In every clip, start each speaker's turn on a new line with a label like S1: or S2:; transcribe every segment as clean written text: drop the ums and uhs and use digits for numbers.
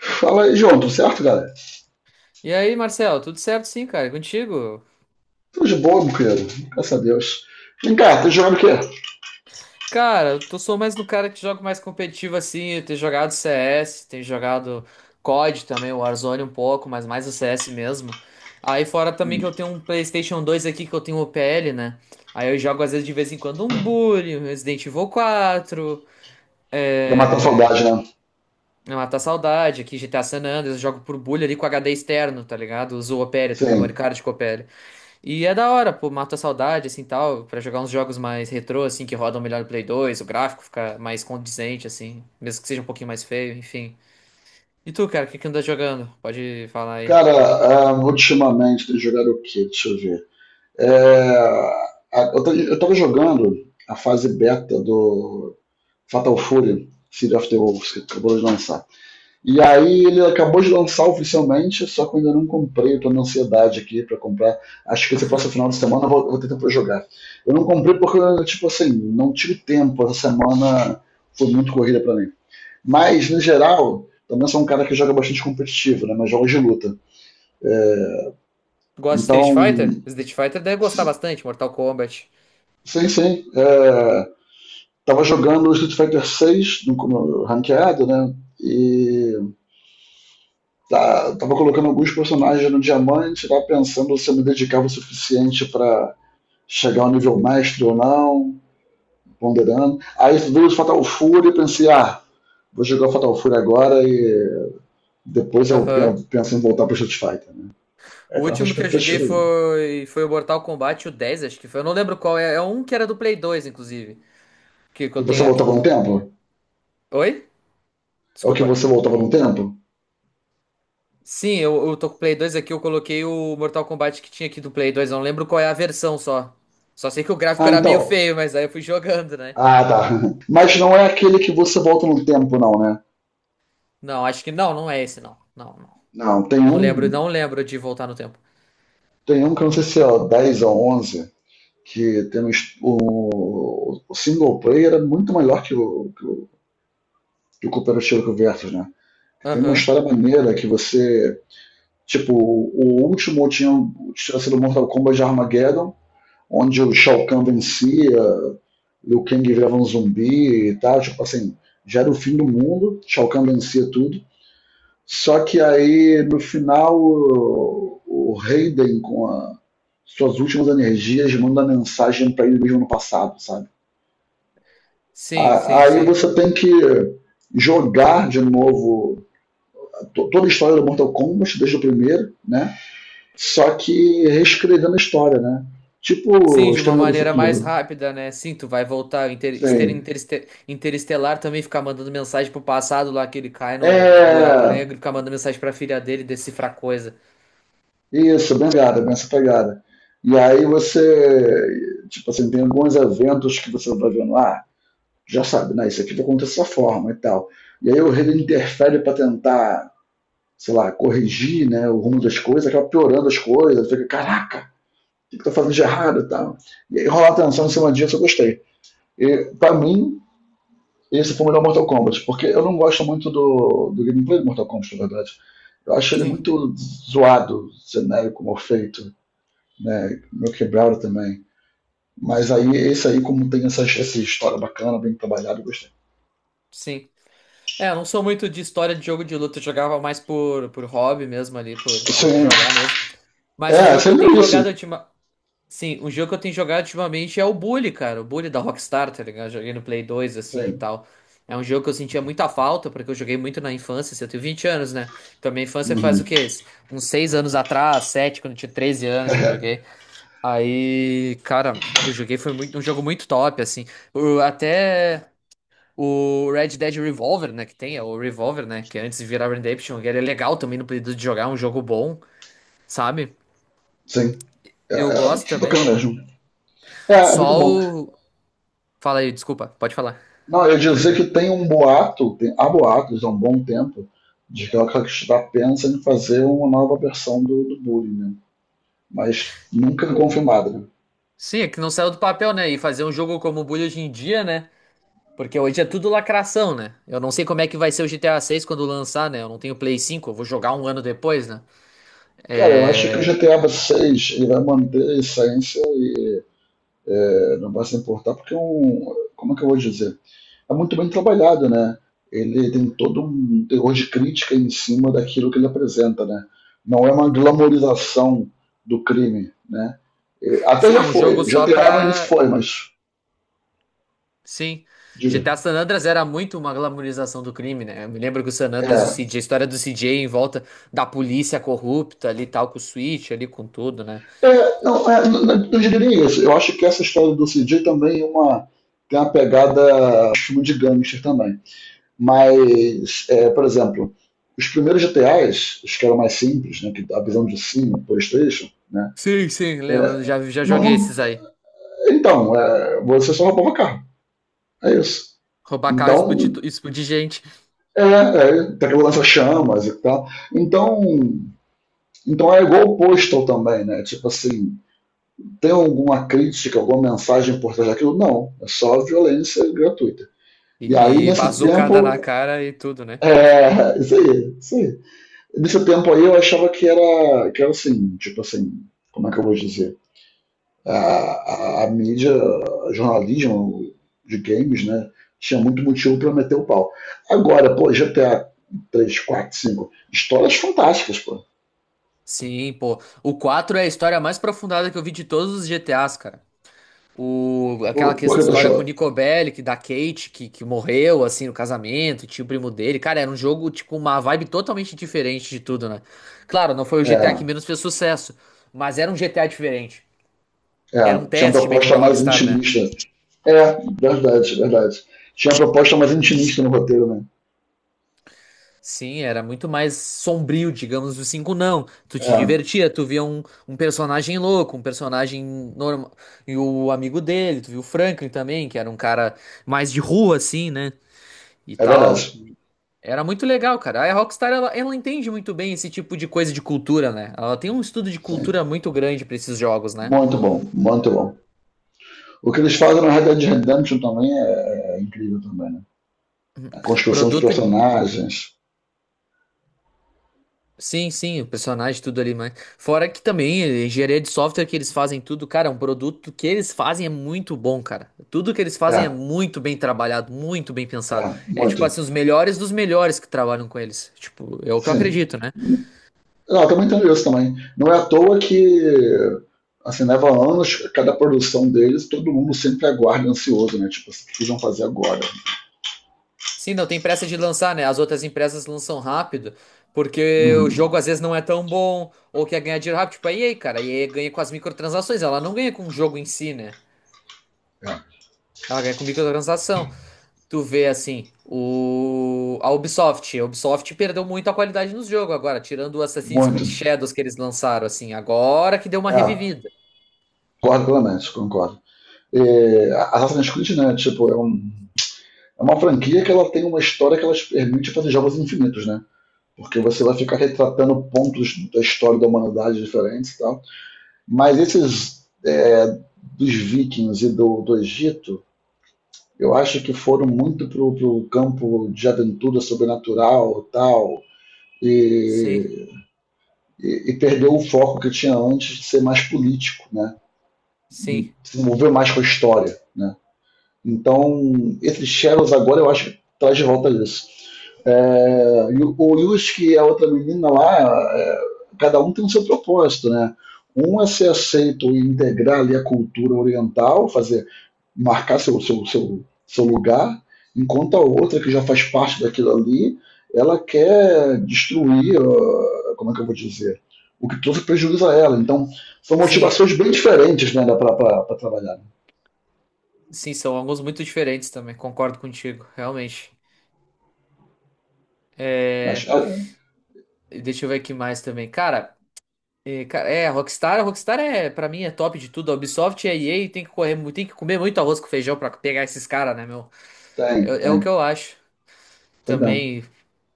S1: Fala aí, João, tudo certo, galera?
S2: E aí, Marcelo, tudo certo sim, cara? E contigo?
S1: Tô de boa, meu querido. Graças a Deus. Vem cá, tá jogando o quê?
S2: Cara, eu tô, sou mais no cara que joga mais competitivo assim. Eu tenho jogado CS, tenho jogado COD também, o Warzone um pouco, mas mais o CS mesmo. Aí fora também que eu tenho um PlayStation dois aqui que eu tenho o P L, né? Aí eu jogo às vezes de vez em quando um Bully, um Resident Evil quatro,
S1: Pra matar a
S2: é...
S1: saudade, né?
S2: é matar a saudade, aqui GTA San Andreas, eu jogo por Bully ali com HD externo, tá ligado? Uso o Opera, tenho
S1: Sim.
S2: memória card com o... E é da hora, pô, mata a saudade, assim, tal, pra jogar uns jogos mais retrô, assim, que rodam melhor no Play dois, o gráfico fica mais condizente, assim, mesmo que seja um pouquinho mais feio, enfim. E tu, cara, o que que anda jogando? Pode falar aí
S1: Cara,
S2: pra mim.
S1: ultimamente tem jogado o quê? Deixa eu ver. É, eu tava jogando a fase beta do Fatal Fury, City of the Wolves, que acabou de lançar. E aí ele acabou de lançar oficialmente, só que eu ainda não comprei, eu tô na ansiedade aqui pra comprar. Acho que esse próximo final de semana eu vou ter pra jogar. Eu não comprei porque, tipo assim, não tive tempo. Essa semana foi muito corrida pra mim. Mas, no geral, também sou um cara que joga bastante competitivo, né? Mas jogos de luta.
S2: Gosta de Street
S1: Então,
S2: Fighter? Street Fighter deve gostar bastante, Mortal Kombat.
S1: sim. Tava jogando Street Fighter 6 no ranqueado, né? E tá, tava colocando alguns personagens no diamante, tava pensando se eu me dedicava o suficiente para chegar ao nível mestre ou não, ponderando. Aí veio o Fatal Fury e pensei, vou jogar o Fatal Fury agora e depois eu
S2: Aham.
S1: penso em voltar pro Street Fighter. Né? É
S2: O
S1: a nossa
S2: último que eu joguei
S1: expectativa aí.
S2: foi, foi o Mortal Kombat, o dez, acho que foi. Eu não lembro qual é. É um que era do Play dois, inclusive. Que
S1: Que
S2: eu
S1: você
S2: tenho aqui.
S1: voltava no tempo?
S2: Oi?
S1: É o que
S2: Desculpa.
S1: você voltava no tempo?
S2: Sim, eu tô com o Play dois aqui, eu coloquei o Mortal Kombat que tinha aqui do Play dois, eu não lembro qual é a versão só. Só sei que o gráfico
S1: Ah,
S2: era meio
S1: então.
S2: feio, mas aí eu fui jogando, né?
S1: Ah, tá. Mas não é aquele que você volta no tempo, não, né?
S2: Não, acho que não, não é esse não. Não, não.
S1: Não,
S2: Não lembro, não lembro de voltar no tempo.
S1: tem um que eu não sei se é 10 ou 11 que temos o single player é muito melhor que que o cooperativo que o Versus, né? Tem uma
S2: Aham.
S1: história maneira que você. Tipo, o último tinha, tinha sido Mortal Kombat de Armageddon, onde o Shao Kahn vencia, Liu Kang virava um zumbi e tal. Tipo assim, já era o fim do mundo, Shao Kahn vencia tudo. Só que aí, no final, o Raiden, suas últimas energias, manda mensagem para ele mesmo no passado, sabe?
S2: Sim,
S1: A-
S2: sim,
S1: Aí
S2: sim.
S1: você tem que jogar de novo toda a história do Mortal Kombat, desde o primeiro, né? Só que reescrevendo a história, né?
S2: Sim,
S1: Tipo
S2: de uma
S1: Exterminador do
S2: maneira mais
S1: Futuro.
S2: rápida, né? Sim, tu vai voltar.
S1: Sim.
S2: Interestelar também, ficar mandando mensagem pro passado lá, que ele cai no buraco negro,
S1: É.
S2: ficar mandando mensagem pra filha dele decifrar coisa.
S1: Isso, bem pegada, bem essa pegada. E aí você. Tipo assim, tem alguns eventos que você vai vendo lá, já sabe, né? Isso aqui vai acontecer dessa forma e tal. E aí o rei interfere pra tentar, sei lá, corrigir, né, o rumo das coisas, acaba piorando as coisas, fica, caraca! Que estou fazendo de errado e tal. E aí rolar tensão em cima disso eu gostei. E, pra mim, esse foi o melhor Mortal Kombat, porque eu não gosto muito do gameplay do Mortal Kombat, na verdade. Eu acho ele
S2: Sim,
S1: muito zoado, genérico, mal feito, né? Meu quebrado também. Mas aí, esse aí, como tem essa história bacana, bem trabalhada, eu gostei.
S2: sim. É, eu não sou muito de história de jogo de luta, eu jogava mais por hobby mesmo ali, por
S1: Sim,
S2: jogar mesmo. Mas o
S1: é,
S2: jogo que eu
S1: sempre
S2: tenho
S1: é
S2: jogado
S1: isso.
S2: ultima... Sim, o jogo que eu tenho jogado ultimamente é o Bully, cara. O Bully da Rockstar, tá ligado? Eu joguei no Play 2, assim, e
S1: Sim.
S2: tal. É um jogo que eu sentia muita falta, porque eu joguei muito na infância, assim, eu tenho 20 anos, né? Então minha infância faz o
S1: Uhum.
S2: quê? Uns 6 anos atrás, 7, quando eu tinha 13 anos eu
S1: É,
S2: joguei. Aí, cara, eu joguei, foi muito, um jogo muito top, assim. Eu até... O Red Dead Revolver, né, que tem, é o Revolver, né, que antes de virar Redemption, que ele é legal também no período de jogar, é um jogo bom, sabe?
S1: sim, é,
S2: Eu gosto
S1: é é
S2: também.
S1: bacana mesmo. É, é muito
S2: Só
S1: bom.
S2: o... Fala aí, desculpa, pode falar,
S1: Não, eu ia dizer que
S2: tranquilo.
S1: tem um boato, tem, há boatos há um bom tempo, de que a Rockstar pensa em fazer uma nova versão do Bully, né? Mas nunca é confirmado, né?
S2: Sim, é que não saiu do papel, né, e fazer um jogo como o Bully hoje em dia, né, porque hoje é tudo lacração, né? Eu não sei como é que vai ser o GTA 6 quando lançar, né, eu não tenho Play 5, eu vou jogar um ano depois, né?
S1: Cara, eu acho que o
S2: É...
S1: GTA 6 ele vai manter a essência, é, não vai se importar, porque é um. Como é que eu vou dizer? É muito bem trabalhado, né? Ele tem todo um terror de crítica em cima daquilo que ele apresenta, né? Não é uma glamorização do crime, né? É, até
S2: Sim, é
S1: já
S2: um
S1: foi,
S2: jogo só
S1: GTA no início
S2: pra...
S1: foi, mas.
S2: Sim.
S1: Diga.
S2: GTA San Andreas era muito uma glamorização do crime, né? Eu me lembro que o San Andreas, o
S1: É,
S2: CJ, a história do CJ em volta da polícia corrupta ali, e tal, com o Switch ali, com tudo, né?
S1: Não, é, não, não diria nem isso. Eu acho que essa história do CJ também é uma, tem uma pegada de filme de gangster também. Mas, é, por exemplo, os primeiros GTAs, os que eram mais simples, né, que a visão de cima, PlayStation, né,
S2: Sim, sim, lembro.
S1: é,
S2: Eu já, já
S1: não,
S2: joguei esses aí.
S1: então, é, você só roubava carro. É isso.
S2: Roubar carro, e explodir,
S1: Então,
S2: explodir gente.
S1: é, é, tem aquela lança chamas e tal. Então, é igual o Postal também, né? Tipo assim, tem alguma crítica, alguma mensagem por trás daquilo? Não, é só violência gratuita. E aí,
S2: E
S1: nesse
S2: bazucada na
S1: tempo,
S2: cara e tudo, né?
S1: é, isso aí, isso aí. Nesse tempo aí eu achava que era assim, tipo assim, como é que eu vou dizer? A mídia, a jornalismo de games, né? Tinha muito motivo para meter o pau. Agora, pô, GTA 3, 4, 5 histórias fantásticas, pô.
S2: Sim, pô. O 4 é a história mais aprofundada que eu vi de todos os GTAs, cara. O, aquela
S1: Por que tu
S2: história
S1: achou?
S2: com o Nico Bellic, da Kate, que morreu, assim, no casamento, e tinha o primo dele. Cara, era um jogo, tipo, uma vibe totalmente diferente de tudo, né? Claro, não foi o GTA que
S1: É,
S2: menos fez sucesso, mas era um GTA diferente. Era um
S1: Tinha uma
S2: teste meio que
S1: proposta
S2: pra
S1: mais
S2: Rockstar, né?
S1: intimista. É, verdade, verdade. Tinha uma proposta mais intimista no roteiro, né?
S2: Sim, era muito mais sombrio, digamos, o 5 não. Tu
S1: É,
S2: te divertia, tu via um, um personagem louco, um personagem normal. E o amigo dele, tu viu o Franklin também, que era um cara mais de rua, assim, né? E
S1: é verdade.
S2: tal. Era muito legal, cara. A Rockstar, ela entende muito bem esse tipo de coisa de cultura, né? Ela tem um estudo de
S1: Sim.
S2: cultura muito grande pra esses jogos, né?
S1: Muito bom, muito bom. O que eles fazem na Red Dead Redemption também é, é incrível também, né? A construção de
S2: Produto,
S1: personagens.
S2: sim, sim, o personagem, tudo ali, mas fora que também a engenharia de software que eles fazem tudo, cara, é um produto que eles fazem é muito bom, cara. Tudo que eles fazem é
S1: É,
S2: muito bem trabalhado, muito bem
S1: é,
S2: pensado. É tipo
S1: muito.
S2: assim, os melhores dos melhores que trabalham com eles. Tipo, é o que eu
S1: Sim.
S2: acredito, né?
S1: Não, eu também entendo isso também. Não é à toa que assim, leva anos cada produção deles, todo mundo sempre aguarda ansioso, né? Tipo, o que eles vão fazer agora?
S2: Sim, não tem pressa de lançar, né? As outras empresas lançam rápido, porque o
S1: Uhum.
S2: jogo às vezes não é tão bom, ou quer ganhar dinheiro rápido. Tipo, a EA, cara, a EA ganha com as microtransações, ela não ganha com o jogo em si, né?
S1: É.
S2: Ela ganha com microtransação. Tu vê, assim, o... a Ubisoft. A Ubisoft perdeu muito a qualidade nos jogos agora, tirando o Assassin's
S1: Muito.
S2: Creed Shadows que eles lançaram, assim, agora que deu uma
S1: É.
S2: revivida.
S1: Concordo plenamente, concordo. É, Assassin's Creed, né? Tipo, é, um, é uma franquia que ela tem uma história que ela te permite fazer jogos infinitos, né? Porque você vai ficar retratando pontos da história da humanidade diferentes e tal. Mas esses é, dos vikings e do, do Egito, eu acho que foram muito pro, pro campo de aventura sobrenatural e tal,
S2: Sim,
S1: e e perdeu o foco que tinha antes de ser mais político, né? E
S2: sim,
S1: se envolver mais com a história, né? Então, esse Shadows agora eu acho que traz de volta isso. É, o Yusuke e a outra menina lá, é, cada um tem o seu propósito, né? Um é ser aceito e integrar ali a cultura oriental, fazer, marcar seu lugar, enquanto a outra, que já faz parte daquilo ali, ela quer destruir, como é que eu vou dizer, o que trouxe prejuízo a ela. Então, são
S2: sim,
S1: motivações bem diferentes, né, para trabalhar.
S2: sim, são alguns muito diferentes também, concordo contigo, realmente.
S1: Acho, ah,
S2: Deixa eu ver aqui mais também. Cara. É cara, é, a Rockstar é, pra mim, é top de tudo. A Ubisoft e a EA tem que correr, tem que comer muito arroz com feijão pra pegar esses caras, né, meu?
S1: tem,
S2: É, é o que
S1: tem.
S2: eu acho.
S1: Perdão.
S2: Também,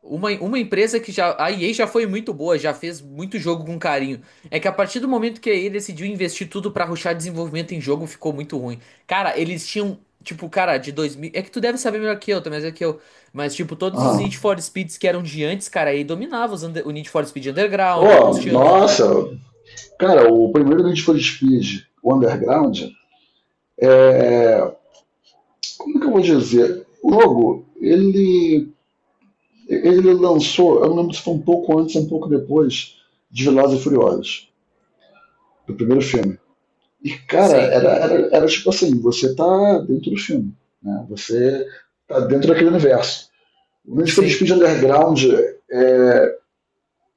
S2: uma empresa que já, a EA já foi muito boa, já fez muito jogo com carinho. É que a partir do momento que a EA decidiu investir tudo pra rushar desenvolvimento em jogo, ficou muito ruim. Cara, eles tinham, tipo, cara, de 2000. É que tu deve saber melhor que eu, também, é que eu, mas, tipo, todos os Need
S1: Aham.
S2: for Speeds que eram de antes, cara, a EA dominava os o Need for Speed Underground, o
S1: Oh
S2: Most Wanted.
S1: nossa, cara, o primeiro Need for Speed, o Underground, é, como que eu vou dizer? O jogo, ele lançou, eu não lembro se foi um pouco antes ou um pouco depois de Velozes e Furiosos, do primeiro filme. E, cara,
S2: Sim,
S1: era tipo assim, você tá dentro do filme, né? Você tá dentro daquele universo. O Need for
S2: sim.
S1: Speed Underground é,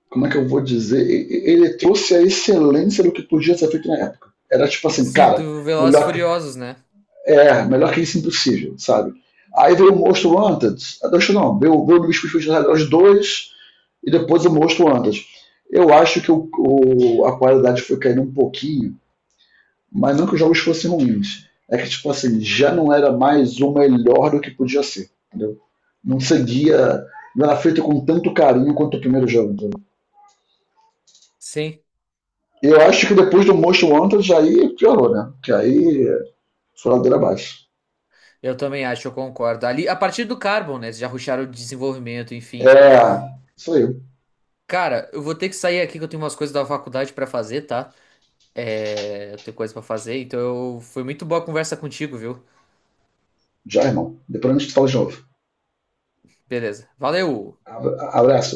S1: como é que eu vou dizer? Ele trouxe a excelência do que podia ser feito na época. Era tipo assim,
S2: Sim,
S1: cara,
S2: do Velozes e
S1: melhor que,
S2: Furiosos, né?
S1: é, melhor que isso é impossível, sabe? Aí veio o Most Wanted. Acho não, veio o Luiz Fusfus 2 e depois o Most Wanted. Eu acho que a qualidade foi caindo um pouquinho, mas não que os jogos fossem ruins. É que, tipo assim, já não era mais o melhor do que podia ser, entendeu? Não seguia, não era feito com tanto carinho quanto o primeiro jogo, entendeu?
S2: Sim,
S1: Eu acho que depois do Most Wanted aí piorou, né? Que aí foi ladeira abaixo.
S2: eu também acho, eu concordo. Ali, a partir do Carbon, né? Eles já rusharam o desenvolvimento, enfim.
S1: É. Isso aí.
S2: Cara, eu vou ter que sair aqui que eu tenho umas coisas da faculdade pra fazer, tá? É, eu tenho coisa pra fazer, então eu... foi muito boa a conversa contigo, viu?
S1: Já, irmão. Depois a gente fala de novo.
S2: Beleza. Valeu!
S1: Abraço.